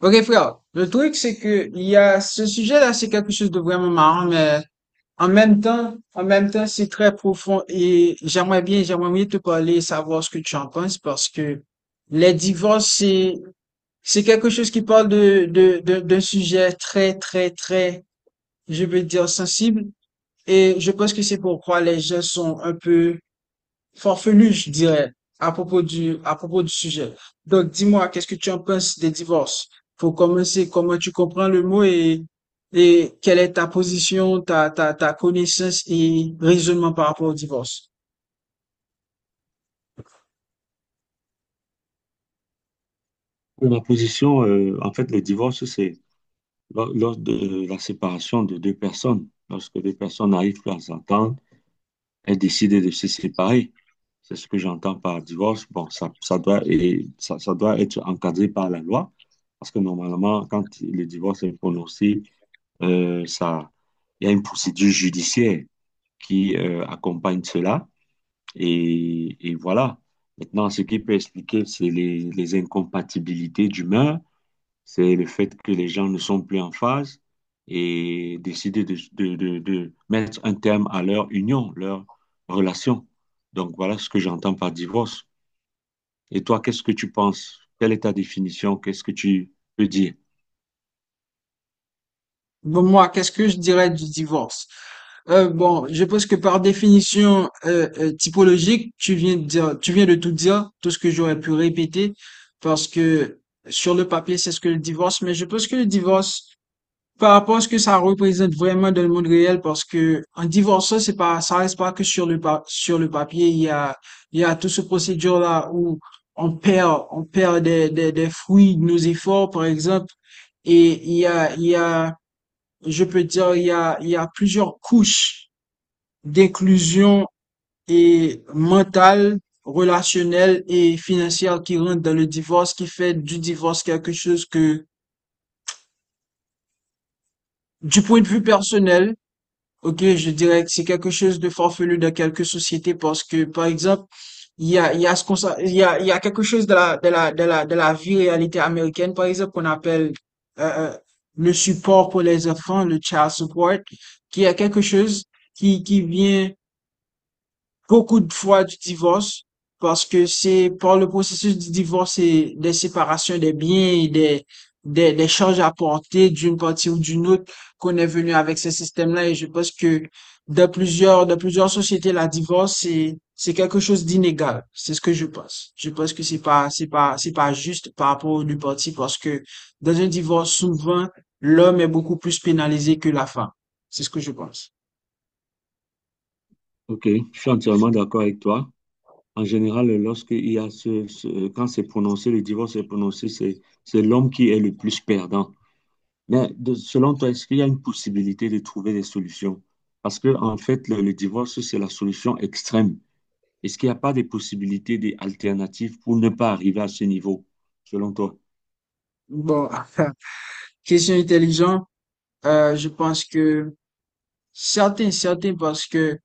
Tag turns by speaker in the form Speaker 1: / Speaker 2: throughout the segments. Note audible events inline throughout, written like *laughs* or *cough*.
Speaker 1: Ok frère, le truc c'est que il y a ce sujet-là, c'est quelque chose de vraiment marrant, mais en même temps, c'est très profond et j'aimerais bien te parler, et savoir ce que tu en penses parce que les divorces, c'est quelque chose qui parle d'un sujet très, très, très, je veux dire sensible. Et je pense que c'est pourquoi les gens sont un peu farfelu, je dirais, à propos à propos du sujet. Donc, dis-moi, qu'est-ce que tu en penses des divorces? Faut commencer, comment tu comprends le mot et quelle est ta position, ta connaissance et raisonnement par rapport au divorce?
Speaker 2: Ma position, en fait, le divorce, c'est lors de la séparation de deux personnes. Lorsque deux personnes n'arrivent plus à s'entendre, elles décident de se séparer. C'est ce que j'entends par divorce. Bon, ça doit être encadré par la loi, parce que normalement, quand le divorce est prononcé, euh, ça, il y a une procédure judiciaire qui accompagne cela. Et voilà. Maintenant, ce qui peut expliquer, c'est les incompatibilités d'humeur, c'est le fait que les gens ne sont plus en phase et décider de mettre un terme à leur union, leur relation. Donc voilà ce que j'entends par divorce. Et toi, qu'est-ce que tu penses? Quelle est ta définition? Qu'est-ce que tu peux dire?
Speaker 1: Bon, moi, qu'est-ce que je dirais du divorce? Bon, je pense que par définition typologique, tu viens de dire, tu viens de tout dire, tout ce que j'aurais pu répéter, parce que sur le papier, c'est ce que le divorce, mais je pense que le divorce, par rapport à ce que ça représente vraiment dans le monde réel, parce que en divorçant, c'est pas, ça reste pas que sur sur le papier. Il y a tout ce procédure là où on perd des fruits de nos efforts, par exemple. Et il y a, je peux dire, il y a plusieurs couches d'inclusion et mentale, relationnelle et financière qui rentrent dans le divorce, qui fait du divorce quelque chose que, du point de vue personnel, ok, je dirais que c'est quelque chose de forfelu dans quelques sociétés parce que, par exemple, il y a ce qu'on, il y a quelque chose de la, de la vie réalité américaine, par exemple, qu'on appelle euh, euh, le support pour les enfants, le child support, qui est quelque chose qui vient beaucoup de fois du divorce parce que c'est par le processus du divorce et des séparations des biens des charges à porter d'une partie ou d'une autre qu'on est venu avec ce système-là. Et je pense que dans plusieurs sociétés, la divorce, c'est quelque chose d'inégal. C'est ce que je pense. Je pense que c'est pas, c'est pas juste par rapport aux deux parties parce que dans un divorce, souvent, l'homme est beaucoup plus pénalisé que la femme. C'est ce que je pense.
Speaker 2: Ok, je suis entièrement d'accord avec toi. En général, lorsque il y a quand c'est prononcé, le divorce est prononcé, c'est l'homme qui est le plus perdant. Mais selon toi, est-ce qu'il y a une possibilité de trouver des solutions? Parce que, en fait, le divorce, c'est la solution extrême. Est-ce qu'il n'y a pas des possibilités, des alternatives pour ne pas arriver à ce niveau, selon toi?
Speaker 1: Bon, *laughs* question intelligente. Je pense que certains, parce que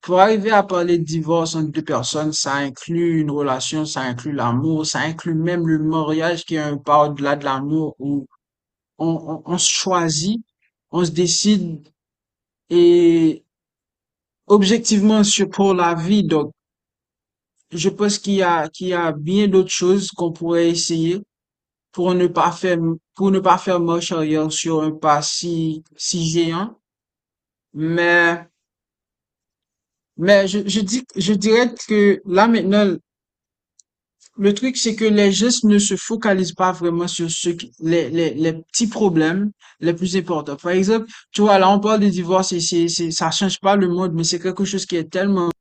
Speaker 1: pour arriver à parler de divorce entre deux personnes, ça inclut une relation, ça inclut l'amour, ça inclut même le mariage qui est un pas au-delà de l'amour où on se choisit, on se décide et objectivement sur pour la vie. Donc, je pense qu'il y a bien d'autres choses qu'on pourrait essayer pour ne pas faire, pour ne pas faire marche arrière sur un pas si, si géant. Mais, Mais je dis, je dirais que là maintenant, le truc, c'est que les gestes ne se focalisent pas vraiment sur ce qui- les petits problèmes les plus importants. Par exemple, tu vois, là, on parle de divorce et ça change pas le monde, mais c'est quelque chose qui est tellement,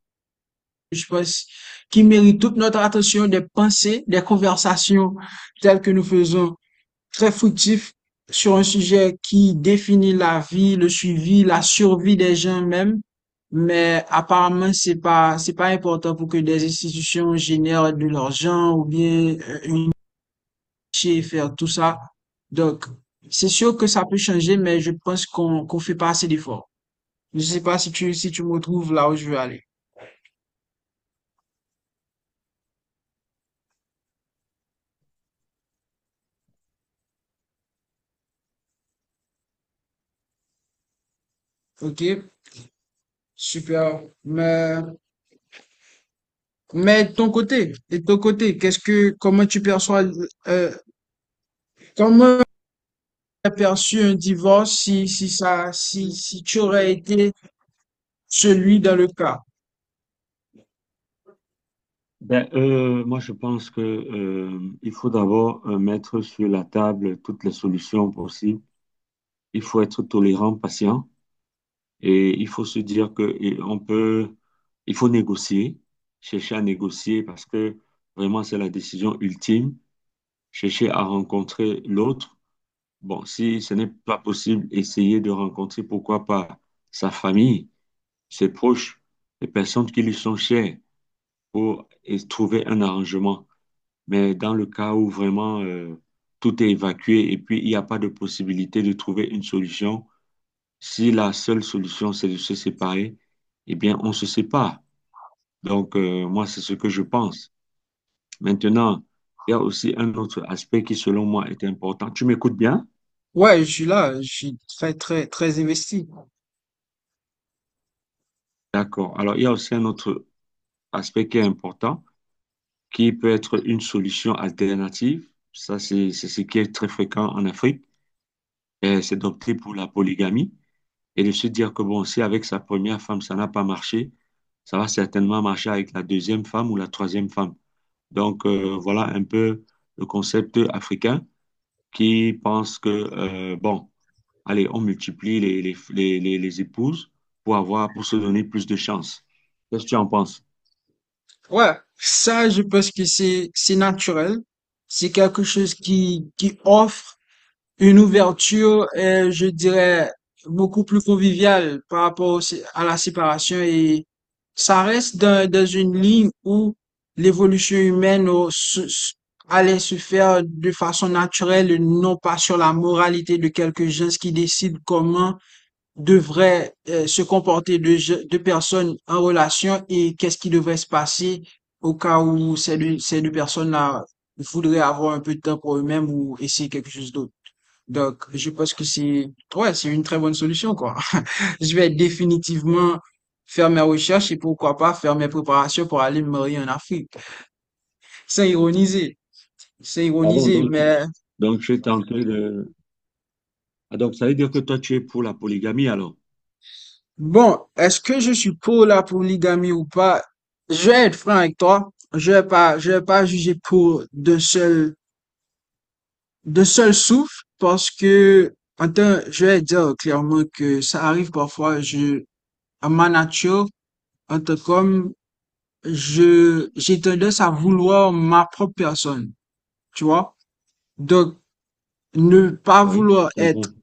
Speaker 1: je pense, qui mérite toute notre attention, des pensées, des conversations telles que nous faisons très fructif sur un sujet qui définit la vie, le suivi, la survie des gens même. Mais apparemment, c'est pas important pour que des institutions génèrent de l'argent ou bien une et faire tout ça. Donc, c'est sûr que ça peut changer, mais je pense qu'on fait pas assez d'efforts. Je sais pas si tu me retrouves là où je veux aller. Ok? Super. Mais de ton côté, qu'est-ce que, comment tu perçois, euh, comment aperçu un divorce si, si tu aurais été celui dans le cas.
Speaker 2: Ben, moi, je pense que, il faut d'abord mettre sur la table toutes les solutions possibles. Il faut être tolérant, patient, et il faut se dire que et on peut, il faut négocier, chercher à négocier parce que vraiment, c'est la décision ultime, chercher à rencontrer l'autre. Bon, si ce n'est pas possible, essayer de rencontrer, pourquoi pas, sa famille, ses proches, les personnes qui lui sont chères pour et trouver un arrangement. Mais dans le cas où vraiment, tout est évacué et puis il n'y a pas de possibilité de trouver une solution, si la seule solution c'est de se séparer, eh bien on se sépare. Donc moi c'est ce que je pense. Maintenant, il y a aussi un autre aspect qui selon moi est important. Tu m'écoutes bien?
Speaker 1: Ouais, je suis là, je suis très, très, très investi.
Speaker 2: D'accord. Alors, il y a aussi un autre aspect qui est important, qui peut être une solution alternative. Ça, c'est ce qui est très fréquent en Afrique. Et c'est d'opter pour la polygamie et de se dire que, bon, si avec sa première femme, ça n'a pas marché, ça va certainement marcher avec la deuxième femme ou la troisième femme. Donc, voilà un peu le concept africain qui pense que, bon, allez, on multiplie les épouses pour avoir, pour se donner plus de chances. Qu'est-ce que tu en penses?
Speaker 1: Ouais, ça, je pense que c'est naturel. C'est quelque chose qui offre une ouverture, je dirais, beaucoup plus conviviale par rapport au à la séparation et ça reste dans, dans une ligne où l'évolution humaine allait se faire de façon naturelle, non pas sur la moralité de quelques gens qui décident comment devrait se comporter deux, deux personnes en relation et qu'est-ce qui devrait se passer au cas où ces deux personnes-là voudraient avoir un peu de temps pour eux-mêmes ou essayer quelque chose d'autre. Donc, je pense que c'est, ouais, c'est une très bonne solution, quoi. *laughs* Je vais définitivement faire mes recherches et pourquoi pas faire mes préparations pour aller me marier en Afrique. Sans ironiser, sans
Speaker 2: Ah bon,
Speaker 1: ironiser, mais
Speaker 2: donc je suis tenté de... Ah, donc ça veut dire que toi, tu es pour la polygamie alors?
Speaker 1: bon, est-ce que je suis pour la polygamie ou pas? Je vais être franc avec toi. Je vais pas juger pour d'un seul souffle parce que, je vais dire clairement que ça arrive parfois, je, à ma nature, en tant qu'homme, j'ai tendance à vouloir ma propre personne. Tu vois? Donc, ne pas
Speaker 2: Oui,
Speaker 1: vouloir
Speaker 2: je
Speaker 1: être
Speaker 2: comprends.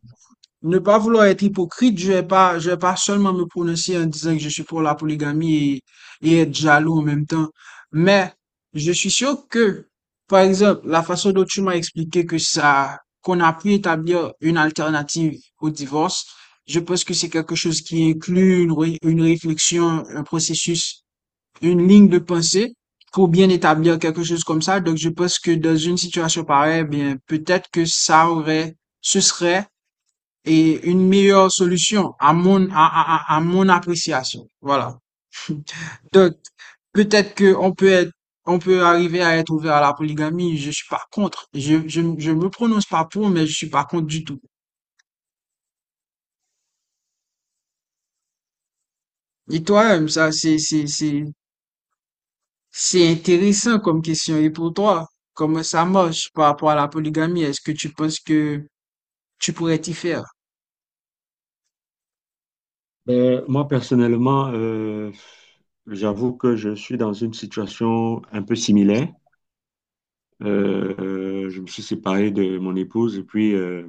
Speaker 1: ne pas vouloir être hypocrite, je vais pas seulement me prononcer en disant que je suis pour la polygamie et être jaloux en même temps. Mais je suis sûr que, par exemple, la façon dont tu m'as expliqué que ça, qu'on a pu établir une alternative au divorce, je pense que c'est quelque chose qui inclut une réflexion, un processus, une ligne de pensée pour bien établir quelque chose comme ça. Donc, je pense que dans une situation pareille, bien, peut-être que ça aurait, ce serait et une meilleure solution à mon, mon appréciation. Voilà. Donc, peut-être que on peut être, on peut arriver à être ouvert à la polygamie. Je suis pas contre. Je me prononce pas pour, mais je suis pas contre du tout. Et toi, ça, c'est intéressant comme question. Et pour toi, comment ça marche par rapport à la polygamie? Est-ce que tu penses que tu pourrais t'y faire?
Speaker 2: Ben, moi, personnellement, j'avoue que je suis dans une situation un peu similaire. Je me suis séparé de mon épouse et puis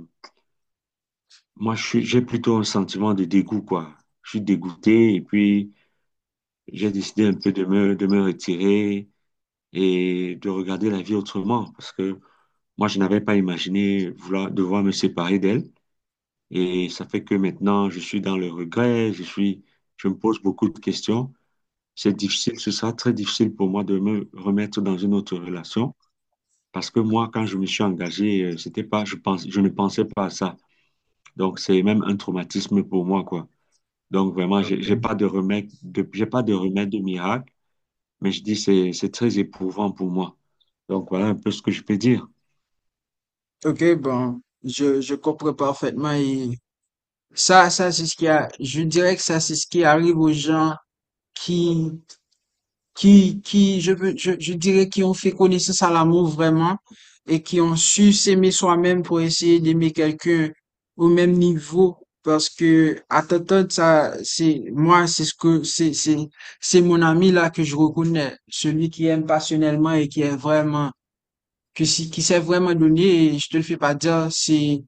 Speaker 2: moi, j'ai plutôt un sentiment de dégoût, quoi. Je suis dégoûté et puis j'ai décidé un peu de de me retirer et de regarder la vie autrement parce que moi, je n'avais pas imaginé vouloir, devoir me séparer d'elle. Et ça fait que maintenant, je suis dans le regret, je me pose beaucoup de questions. C'est difficile, ce sera très difficile pour moi de me remettre dans une autre relation parce que moi, quand je me suis engagé, c'était pas, je pense, je ne pensais pas à ça. Donc, c'est même un traumatisme pour moi, quoi. Donc, vraiment, j'ai
Speaker 1: Ok,
Speaker 2: pas de remède, j'ai pas de remède de miracle, mais je dis, c'est très éprouvant pour moi. Donc, voilà un peu ce que je peux dire.
Speaker 1: ok, bon, je comprends parfaitement et ça, c'est ce qui a, je dirais que ça, c'est ce qui arrive aux gens qui, je veux, je dirais, qui ont fait connaissance à l'amour vraiment et qui ont su s'aimer soi-même pour essayer d'aimer quelqu'un au même niveau. Parce que, à Totton, ça, c'est, moi, c'est ce que, c'est mon ami là que je reconnais. Celui qui aime passionnellement et qui est vraiment, que si, qui s'est vraiment donné, et je te le fais pas dire, c'est,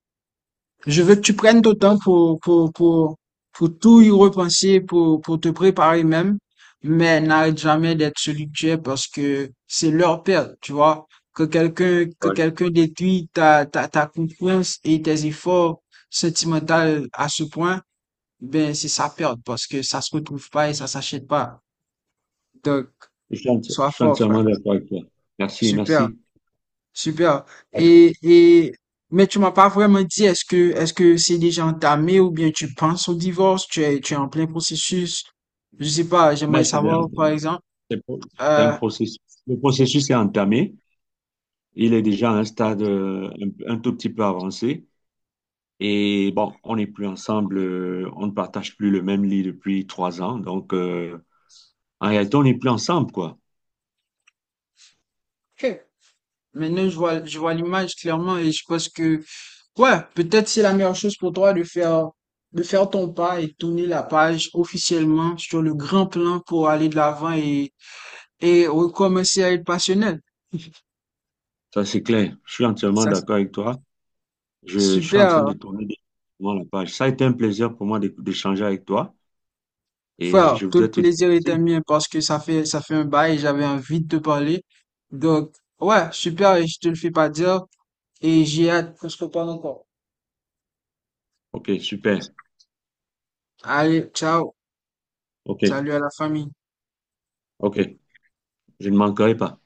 Speaker 1: je veux que tu prennes ton temps pour tout y repenser, pour te préparer même, mais n'arrête jamais d'être celui que tu es parce que c'est leur perte, tu vois. Que
Speaker 2: Ouais.
Speaker 1: quelqu'un détruit ta, ta confiance et tes efforts sentimentaux à ce point, ben, c'est sa perte parce que ça se retrouve pas et ça s'achète pas. Donc, sois
Speaker 2: Je suis
Speaker 1: fort, frère.
Speaker 2: entièrement d'accord avec toi. Merci,
Speaker 1: Super.
Speaker 2: merci.
Speaker 1: Super.
Speaker 2: Allez,
Speaker 1: Et, mais tu m'as pas vraiment dit, est-ce que c'est déjà entamé ou bien tu penses au divorce, tu es en plein processus. Je sais pas, j'aimerais
Speaker 2: merci.
Speaker 1: savoir, par exemple,
Speaker 2: C'est pro- c'est un
Speaker 1: euh,
Speaker 2: processus. Le processus est entamé. Il est déjà à un stade un tout petit peu avancé. Et bon, on n'est plus ensemble. On ne partage plus le même lit depuis 3 ans. Donc, en réalité, on n'est plus ensemble, quoi.
Speaker 1: ok. Maintenant, je vois l'image clairement et je pense que, ouais, peut-être c'est la meilleure chose pour toi de faire ton pas et tourner la page officiellement sur le grand plan pour aller de l'avant et recommencer à être passionnel.
Speaker 2: Ça, c'est clair. Je suis entièrement
Speaker 1: Ça, c'est
Speaker 2: d'accord avec toi. Je suis en train de
Speaker 1: super.
Speaker 2: tourner définitivement la page. Ça a été un plaisir pour moi d'échanger avec toi. Et
Speaker 1: Frère,
Speaker 2: je
Speaker 1: tout le
Speaker 2: voudrais te dire
Speaker 1: plaisir est
Speaker 2: merci.
Speaker 1: mien parce que ça fait un bail, j'avais envie de te parler. Donc, ouais, super, et je te le fais pas dire. Et j'ai hâte qu'on se reparle encore.
Speaker 2: OK, super.
Speaker 1: Allez, ciao.
Speaker 2: OK,
Speaker 1: Salut à la famille.
Speaker 2: OK. Je ne manquerai pas.